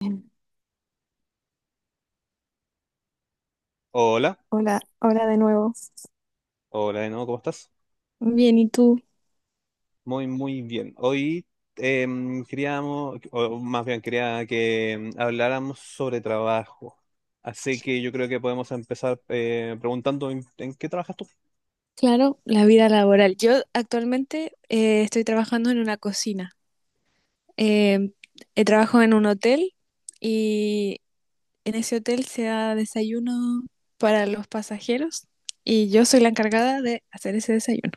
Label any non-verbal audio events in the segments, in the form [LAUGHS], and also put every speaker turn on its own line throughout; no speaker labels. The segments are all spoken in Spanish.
Bien.
Hola,
Hola, hola de nuevo.
hola de nuevo, ¿cómo estás?
Bien, ¿y tú?
Muy, muy bien. Hoy queríamos, o más bien quería que habláramos sobre trabajo. Así que yo creo que podemos empezar preguntando ¿en qué trabajas tú?
Claro, la vida laboral. Yo actualmente estoy trabajando en una cocina. Eh, Trabajo en un hotel y en ese hotel se da desayuno para los pasajeros y yo soy la encargada de hacer ese desayuno.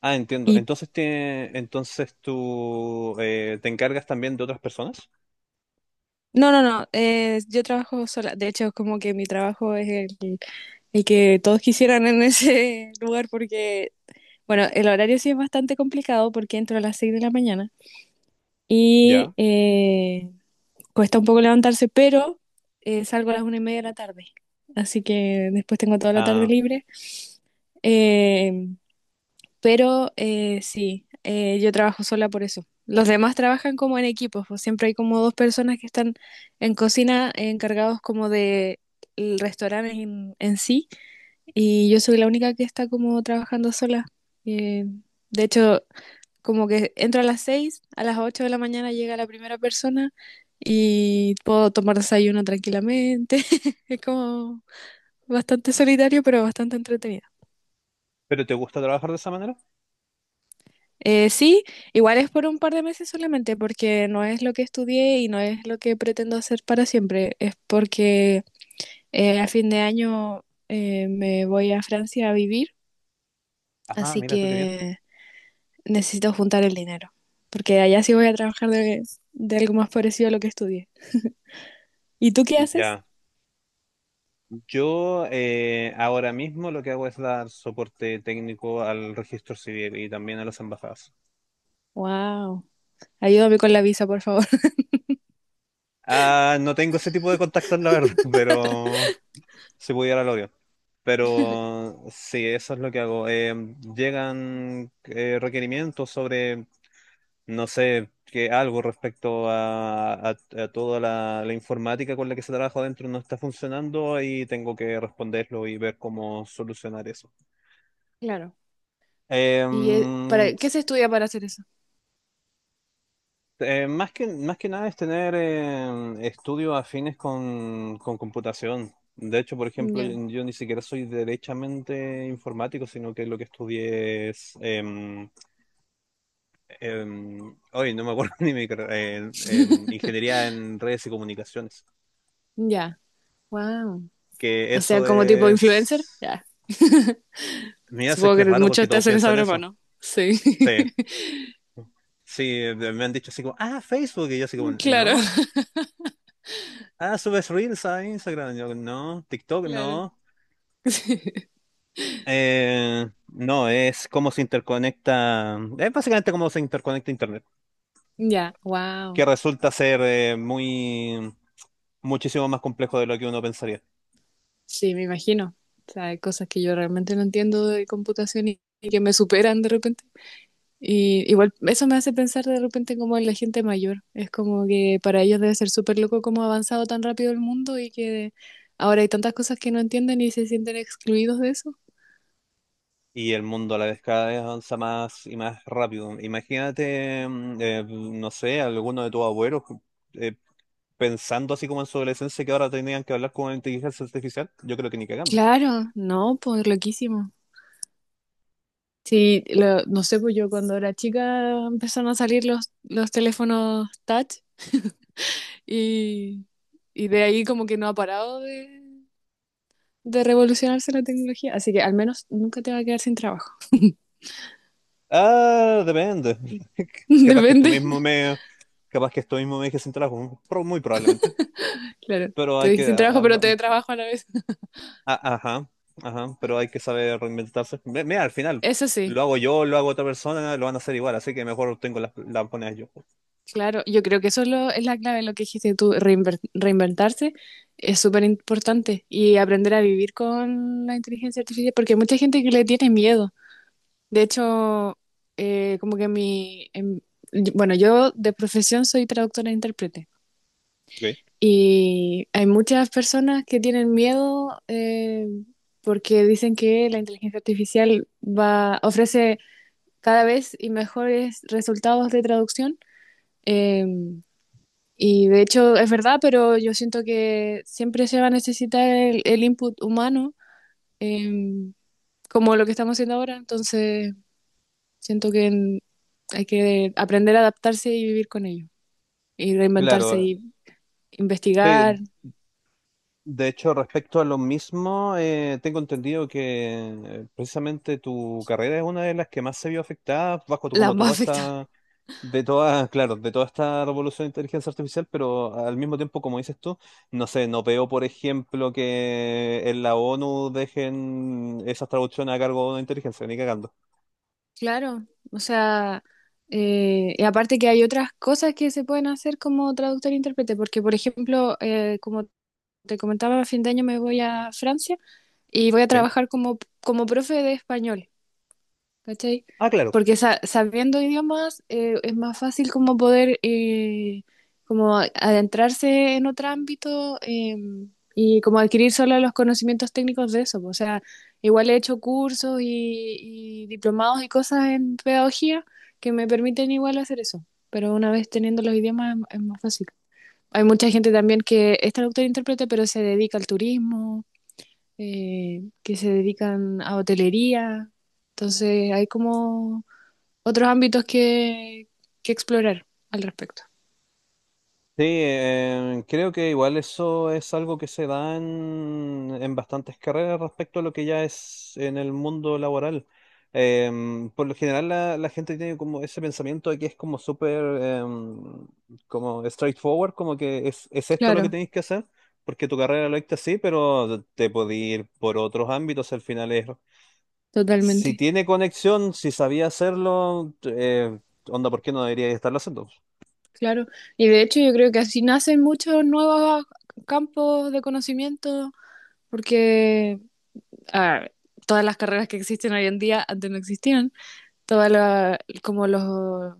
Ah, entiendo.
Y
Entonces, te, entonces tú te encargas también de otras personas.
no, no, no, yo trabajo sola. De hecho, como que mi trabajo es el que todos quisieran en ese [LAUGHS] lugar porque, bueno, el horario sí es bastante complicado porque entro a las 6 de la mañana. Y
Ya.
cuesta un poco levantarse, pero salgo a las 1:30 de la tarde. Así que después tengo toda la tarde
¿Ah,
libre. Eh, pero sí, yo trabajo sola por eso. Los demás trabajan como en equipos, pues siempre hay como dos personas que están en cocina, encargados como de el restaurante en sí, y yo soy la única que está como trabajando sola. Eh, de hecho, como que entro a las 6, a las 8 de la mañana llega la primera persona y puedo tomar desayuno tranquilamente. [LAUGHS] Es como bastante solitario, pero bastante entretenido.
pero te gusta trabajar de esa manera?
Sí, igual es por un par de meses solamente, porque no es lo que estudié y no es lo que pretendo hacer para siempre. Es porque a fin de año me voy a Francia a vivir,
Ah,
así
mira tú qué bien.
que necesito juntar el dinero, porque allá sí voy a trabajar de, algo más parecido a lo que estudié. ¿Y tú qué haces?
Ya, yo ahora mismo lo que hago es dar soporte técnico al registro civil y también a las embajadas.
Wow. Ayúdame con la visa, por favor. [LAUGHS]
Ah, no tengo ese tipo de contactos, la verdad, [LAUGHS] pero si pudiera lo haría. Pero sí, eso es lo que hago. Llegan requerimientos sobre, no sé, que algo respecto a, a toda la informática con la que se trabaja dentro no está funcionando y tengo que responderlo y ver cómo solucionar eso.
Claro.
Eh,
¿Y para qué se estudia para hacer eso?
Más que nada es tener estudios afines con computación. De hecho, por ejemplo, yo,
Ya.
yo ni siquiera soy derechamente informático, sino que lo que estudié es... hoy no me acuerdo [LAUGHS] ni mi carrera, ingeniería en redes y comunicaciones.
Ya. Wow.
Que
O sea,
eso
como tipo influencer.
es...
Ya.
Mira, sé
Supongo
que
que
es raro porque
muchos te
todos
hacen esa
piensan
broma,
eso.
¿no? Sí.
Sí,
[LAUGHS]
sí, me han dicho así como, ah, Facebook, y yo así como,
Claro,
no. Ah, subes Reels a Instagram, yo no. TikTok,
claro.
no. No, es cómo se interconecta, es básicamente cómo se interconecta Internet,
Ya.
que
Wow.
resulta ser muy, muchísimo más complejo de lo que uno pensaría.
Sí, me imagino. O sea, hay cosas que yo realmente no entiendo de computación y que me superan de repente. Y igual eso me hace pensar de repente como en la gente mayor. Es como que para ellos debe ser súper loco cómo ha avanzado tan rápido el mundo y que ahora hay tantas cosas que no entienden y se sienten excluidos de eso.
Y el mundo a la vez cada vez avanza más y más rápido. Imagínate, no sé, alguno de tus abuelos eh, pensando así como en su adolescencia que ahora tenían que hablar con inteligencia artificial. Yo creo que ni cagando.
Claro, no, pues loquísimo. Sí, no sé, pues yo cuando era chica empezaron a salir los teléfonos touch y, y, de ahí como que no ha parado de revolucionarse la tecnología. Así que al menos nunca te va a quedar sin trabajo.
Ah, depende. [LAUGHS]
[LAUGHS]
Capaz que esto
Depende,
mismo me, capaz que esto mismo me deje sin trabajo, muy probablemente.
claro.
Pero
Te
hay
dije
que,
sin trabajo, pero te trabajo a la vez.
ajá, ajá, pero hay que saber reinventarse. Mira, al final,
Eso
lo
sí,
hago yo, lo hago otra persona, lo van a hacer igual, así que mejor tengo las monedas yo.
claro. Yo creo que eso es, es la clave en lo que dijiste tú, reinventarse es súper importante y aprender a vivir con la inteligencia artificial, porque hay mucha gente que le tiene miedo. De hecho, como que bueno, yo de profesión soy traductora e intérprete
Ok.
y hay muchas personas que tienen miedo, porque dicen que la inteligencia artificial ofrece cada vez y mejores resultados de traducción. em, Y de hecho es verdad, pero yo siento que siempre se va a necesitar el, input humano, em, como lo que estamos haciendo ahora. Entonces siento que hay que aprender a adaptarse y vivir con ello. Y reinventarse
Claro,
y
sí.
investigar
De hecho, respecto a lo mismo, tengo entendido que precisamente tu carrera es una de las que más se vio afectada bajo
[LAUGHS]
tu, como
las más
toda
afectadas.
esta, de toda, claro, de toda esta revolución de inteligencia artificial, pero al mismo tiempo, como dices tú, no sé, no veo, por ejemplo, que en la ONU dejen esas traducciones a cargo de una inteligencia, ni cagando.
Claro, o sea, y aparte que hay otras cosas que se pueden hacer como traductor e intérprete, porque por ejemplo, como te comentaba, a fin de año me voy a Francia y voy a
¿Sí?
trabajar como, profe de español. ¿Cachai?
Ah, claro.
Porque sabiendo idiomas, es más fácil como poder, como adentrarse en otro ámbito, y como adquirir solo los conocimientos técnicos de eso. O sea, igual he hecho cursos y, diplomados y cosas en pedagogía que me permiten igual hacer eso. Pero una vez teniendo los idiomas es más fácil. Hay mucha gente también que es traductor e intérprete, pero se dedica al turismo, que se dedican a hotelería. Entonces hay como otros ámbitos que explorar al respecto.
Sí, creo que igual eso es algo que se da en bastantes carreras respecto a lo que ya es en el mundo laboral. Por lo general la, la gente tiene como ese pensamiento de que es como súper como straightforward, como que es esto lo que
Claro,
tenéis que hacer, porque tu carrera lo dicta así, pero te podéis ir por otros ámbitos al final es... Si
totalmente.
tiene conexión, si sabía hacerlo, onda, ¿por qué no debería estarlo haciendo?
Claro. Y de hecho yo creo que así nacen muchos nuevos campos de conocimiento, porque a todas las carreras que existen hoy en día antes no existían. Todas como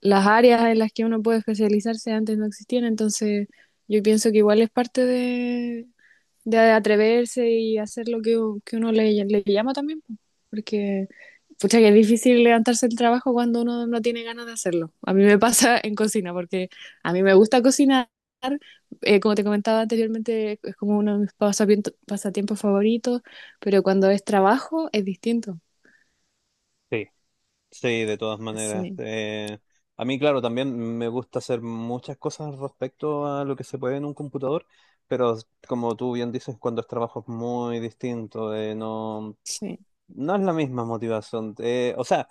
las áreas en las que uno puede especializarse antes no existían. Entonces yo pienso que igual es parte de atreverse y hacer lo que, uno le llama también, po. Porque pucha que es difícil levantarse el trabajo cuando uno no tiene ganas de hacerlo. A mí me pasa [LAUGHS] en cocina, porque a mí me gusta cocinar, como te comentaba anteriormente, es como uno de mis pasatiempos favoritos, pero cuando es trabajo es distinto.
Sí. Sí, de todas maneras.
Sí,
A mí, claro, también me gusta hacer muchas cosas respecto a lo que se puede en un computador, pero como tú bien dices, cuando es trabajo es muy distinto, no,
sí,
no es la misma motivación. O sea,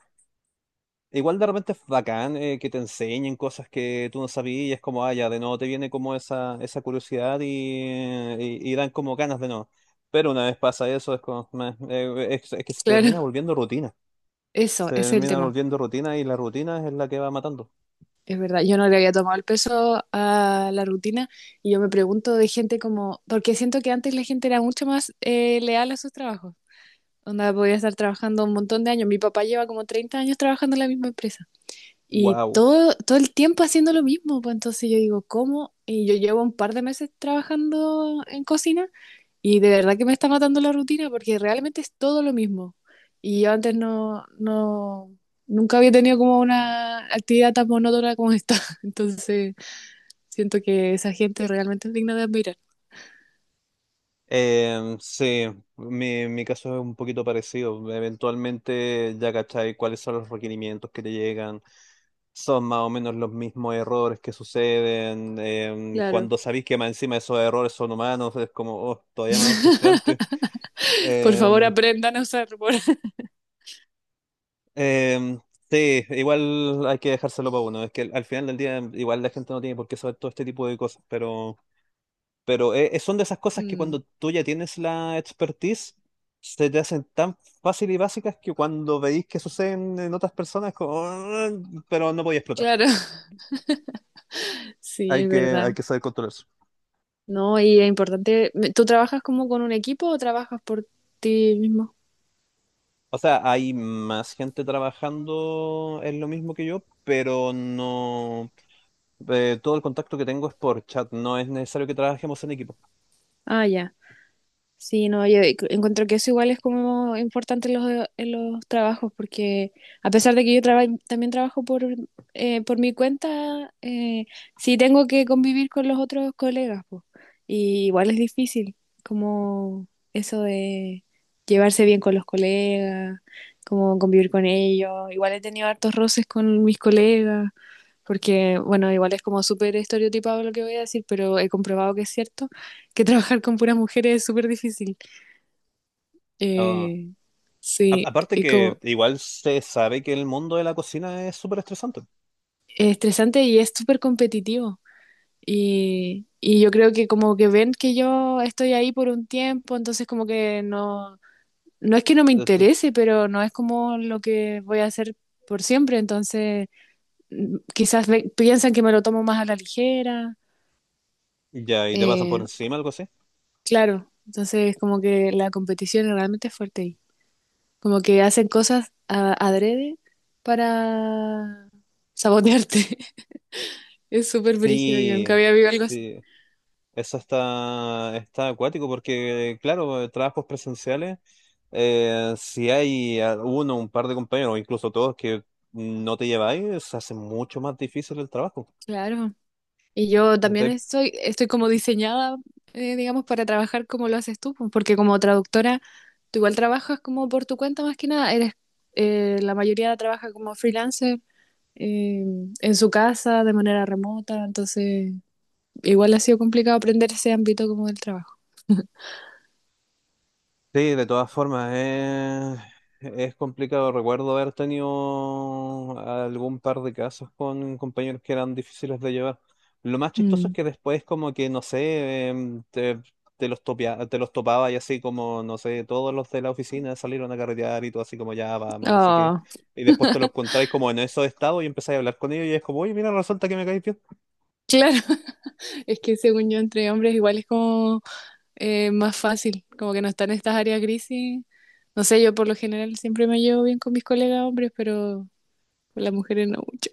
igual de repente es bacán que te enseñen cosas que tú no sabías, y es como, ah, ya, de nuevo te viene como esa curiosidad y, y dan como ganas de no. Pero una vez pasa eso, es como, meh, es que se
claro,
termina
[LAUGHS]
volviendo rutina. Se
ese es el
termina
tema.
volviendo rutina y la rutina es la que va matando.
Es verdad, yo no le había tomado el peso a la rutina y yo me pregunto de gente como, porque siento que antes la gente era mucho más, leal a sus trabajos, donde podía estar trabajando un montón de años. Mi papá lleva como 30 años trabajando en la misma empresa. Y
Wow.
todo, todo el tiempo haciendo lo mismo, pues entonces yo digo, ¿cómo? Y yo llevo un par de meses trabajando en cocina y de verdad que me está matando la rutina porque realmente es todo lo mismo. Y yo antes no, nunca había tenido como una actividad tan monótona como esta. [LAUGHS] Entonces siento que esa gente realmente es digna de admirar.
Sí, mi caso es un poquito parecido. Eventualmente ya cachai cuáles son los requerimientos que te llegan. Son más o menos los mismos errores que suceden.
Claro.
Cuando sabéis que más encima esos errores son humanos, es como, oh, todavía más frustrante.
Por favor,
Em,
aprendan a usar. [LAUGHS]
em, sí, igual hay que dejárselo para uno. Es que al final del día, igual la gente no tiene por qué saber todo este tipo de cosas, pero. Pero son de esas cosas que
Mm,
cuando tú ya tienes la expertise, se te hacen tan fácil y básicas que cuando veis que suceden en otras personas, es como, "Ah", pero no podía explotar.
claro. [LAUGHS] Sí, es
Hay
verdad.
que saber controlar eso.
No, y es importante. ¿Tú trabajas como con un equipo o trabajas por ti mismo?
O sea, hay más gente trabajando en lo mismo que yo, pero no. Todo el contacto que tengo es por chat, no es necesario que trabajemos en equipo.
Ah, ya. Sí, no, yo encuentro que eso igual es como importante en los trabajos, porque a pesar de que yo también trabajo por mi cuenta, sí tengo que convivir con los otros colegas, po. Y igual es difícil, como eso de llevarse bien con los colegas, como convivir con ellos. Igual he tenido hartos roces con mis colegas, porque, bueno, igual es como súper estereotipado lo que voy a decir, pero he comprobado que es cierto, que [LAUGHS] trabajar con puras mujeres es súper difícil.
Ah,
Eh, sí,
aparte
y
que
como,
igual se sabe que el mundo de la cocina es súper estresante.
es estresante y es súper competitivo. Y yo creo que como que ven que yo estoy ahí por un tiempo, entonces como que no, no es que no me
Este,
interese, pero no es como lo que voy a hacer por siempre, entonces quizás piensan que me lo tomo más a la ligera.
Ya, y te pasan por
eh,
encima, algo así.
Claro, entonces como que la competición es realmente fuerte ahí. Como que hacen cosas adrede para sabotearte. [LAUGHS] Es súper brígido, yo
Sí,
nunca había vivido algo así.
sí, eso está, está acuático porque, claro, trabajos presenciales, si hay uno, un par de compañeros, o incluso todos que no te lleváis, se hace mucho más difícil el trabajo.
Claro. Y yo también estoy, como diseñada, digamos, para trabajar como lo haces tú, pues, porque como traductora, tú igual trabajas como por tu cuenta más que nada. La mayoría trabaja como freelancer, eh, en su casa, de manera remota, entonces igual ha sido complicado aprender ese ámbito como del trabajo.
Sí, de todas formas, es complicado. Recuerdo haber tenido algún par de casos con compañeros que eran difíciles de llevar. Lo más chistoso es
Mm.
que después como que, no sé, te los topaba y así como, no sé, todos los de la oficina salieron a carretear y todo así como, ya, vamos, no sé qué.
Oh,
Y después te los encontráis como en esos estados y empezáis a hablar con ellos y es como, oye, mira, resulta que me caes bien.
claro, [LAUGHS] es que según yo entre hombres igual es como, más fácil, como que no están estas áreas grises. No sé, yo por lo general siempre me llevo bien con mis colegas hombres, pero con las mujeres no mucho.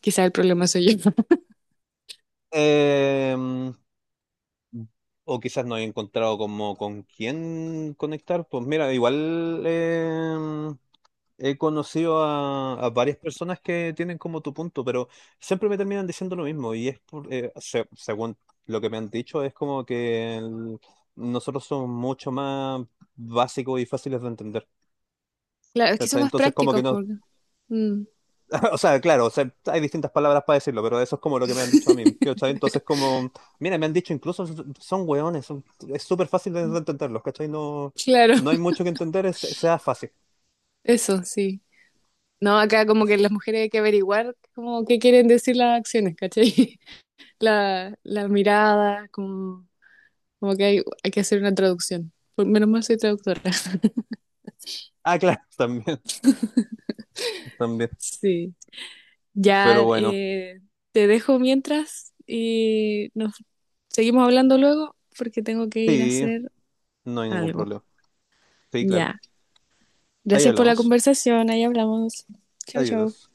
Quizás el problema soy yo. [LAUGHS]
Em, O quizás no he encontrado como con quién conectar. Pues mira, igual he conocido a varias personas que tienen como tu punto, pero siempre me terminan diciendo lo mismo. Y es por, según lo que me han dicho, es como que nosotros somos mucho más básicos y fáciles de entender.
Claro, es que son
¿Cachai?
más
Entonces como que
prácticos
nos
porque... Mm,
[LAUGHS] O sea, claro, o sea, hay distintas palabras para decirlo, pero eso es como lo que me han dicho a mí. ¿Cachai? Entonces, como, mira, me han dicho incluso son son hueones, es súper fácil de entenderlos, ¿cachai? No,
claro,
no hay
[LAUGHS]
mucho que entender, es, sea fácil.
eso sí. No, acá como que las mujeres hay que averiguar como qué quieren decir las acciones, ¿cachai? [LAUGHS] La mirada, como, que hay que hacer una traducción. Menos mal soy traductora. [LAUGHS]
Ah, claro, [LAUGHS] también, también.
Sí. Ya,
Pero bueno,
te dejo mientras y nos seguimos hablando luego porque tengo que ir a
sí,
hacer
no hay ningún
algo.
problema. Sí, claro.
Ya.
Ahí
Gracias por la
hablamos.
conversación. Ahí hablamos. Chao, chao.
Adiós.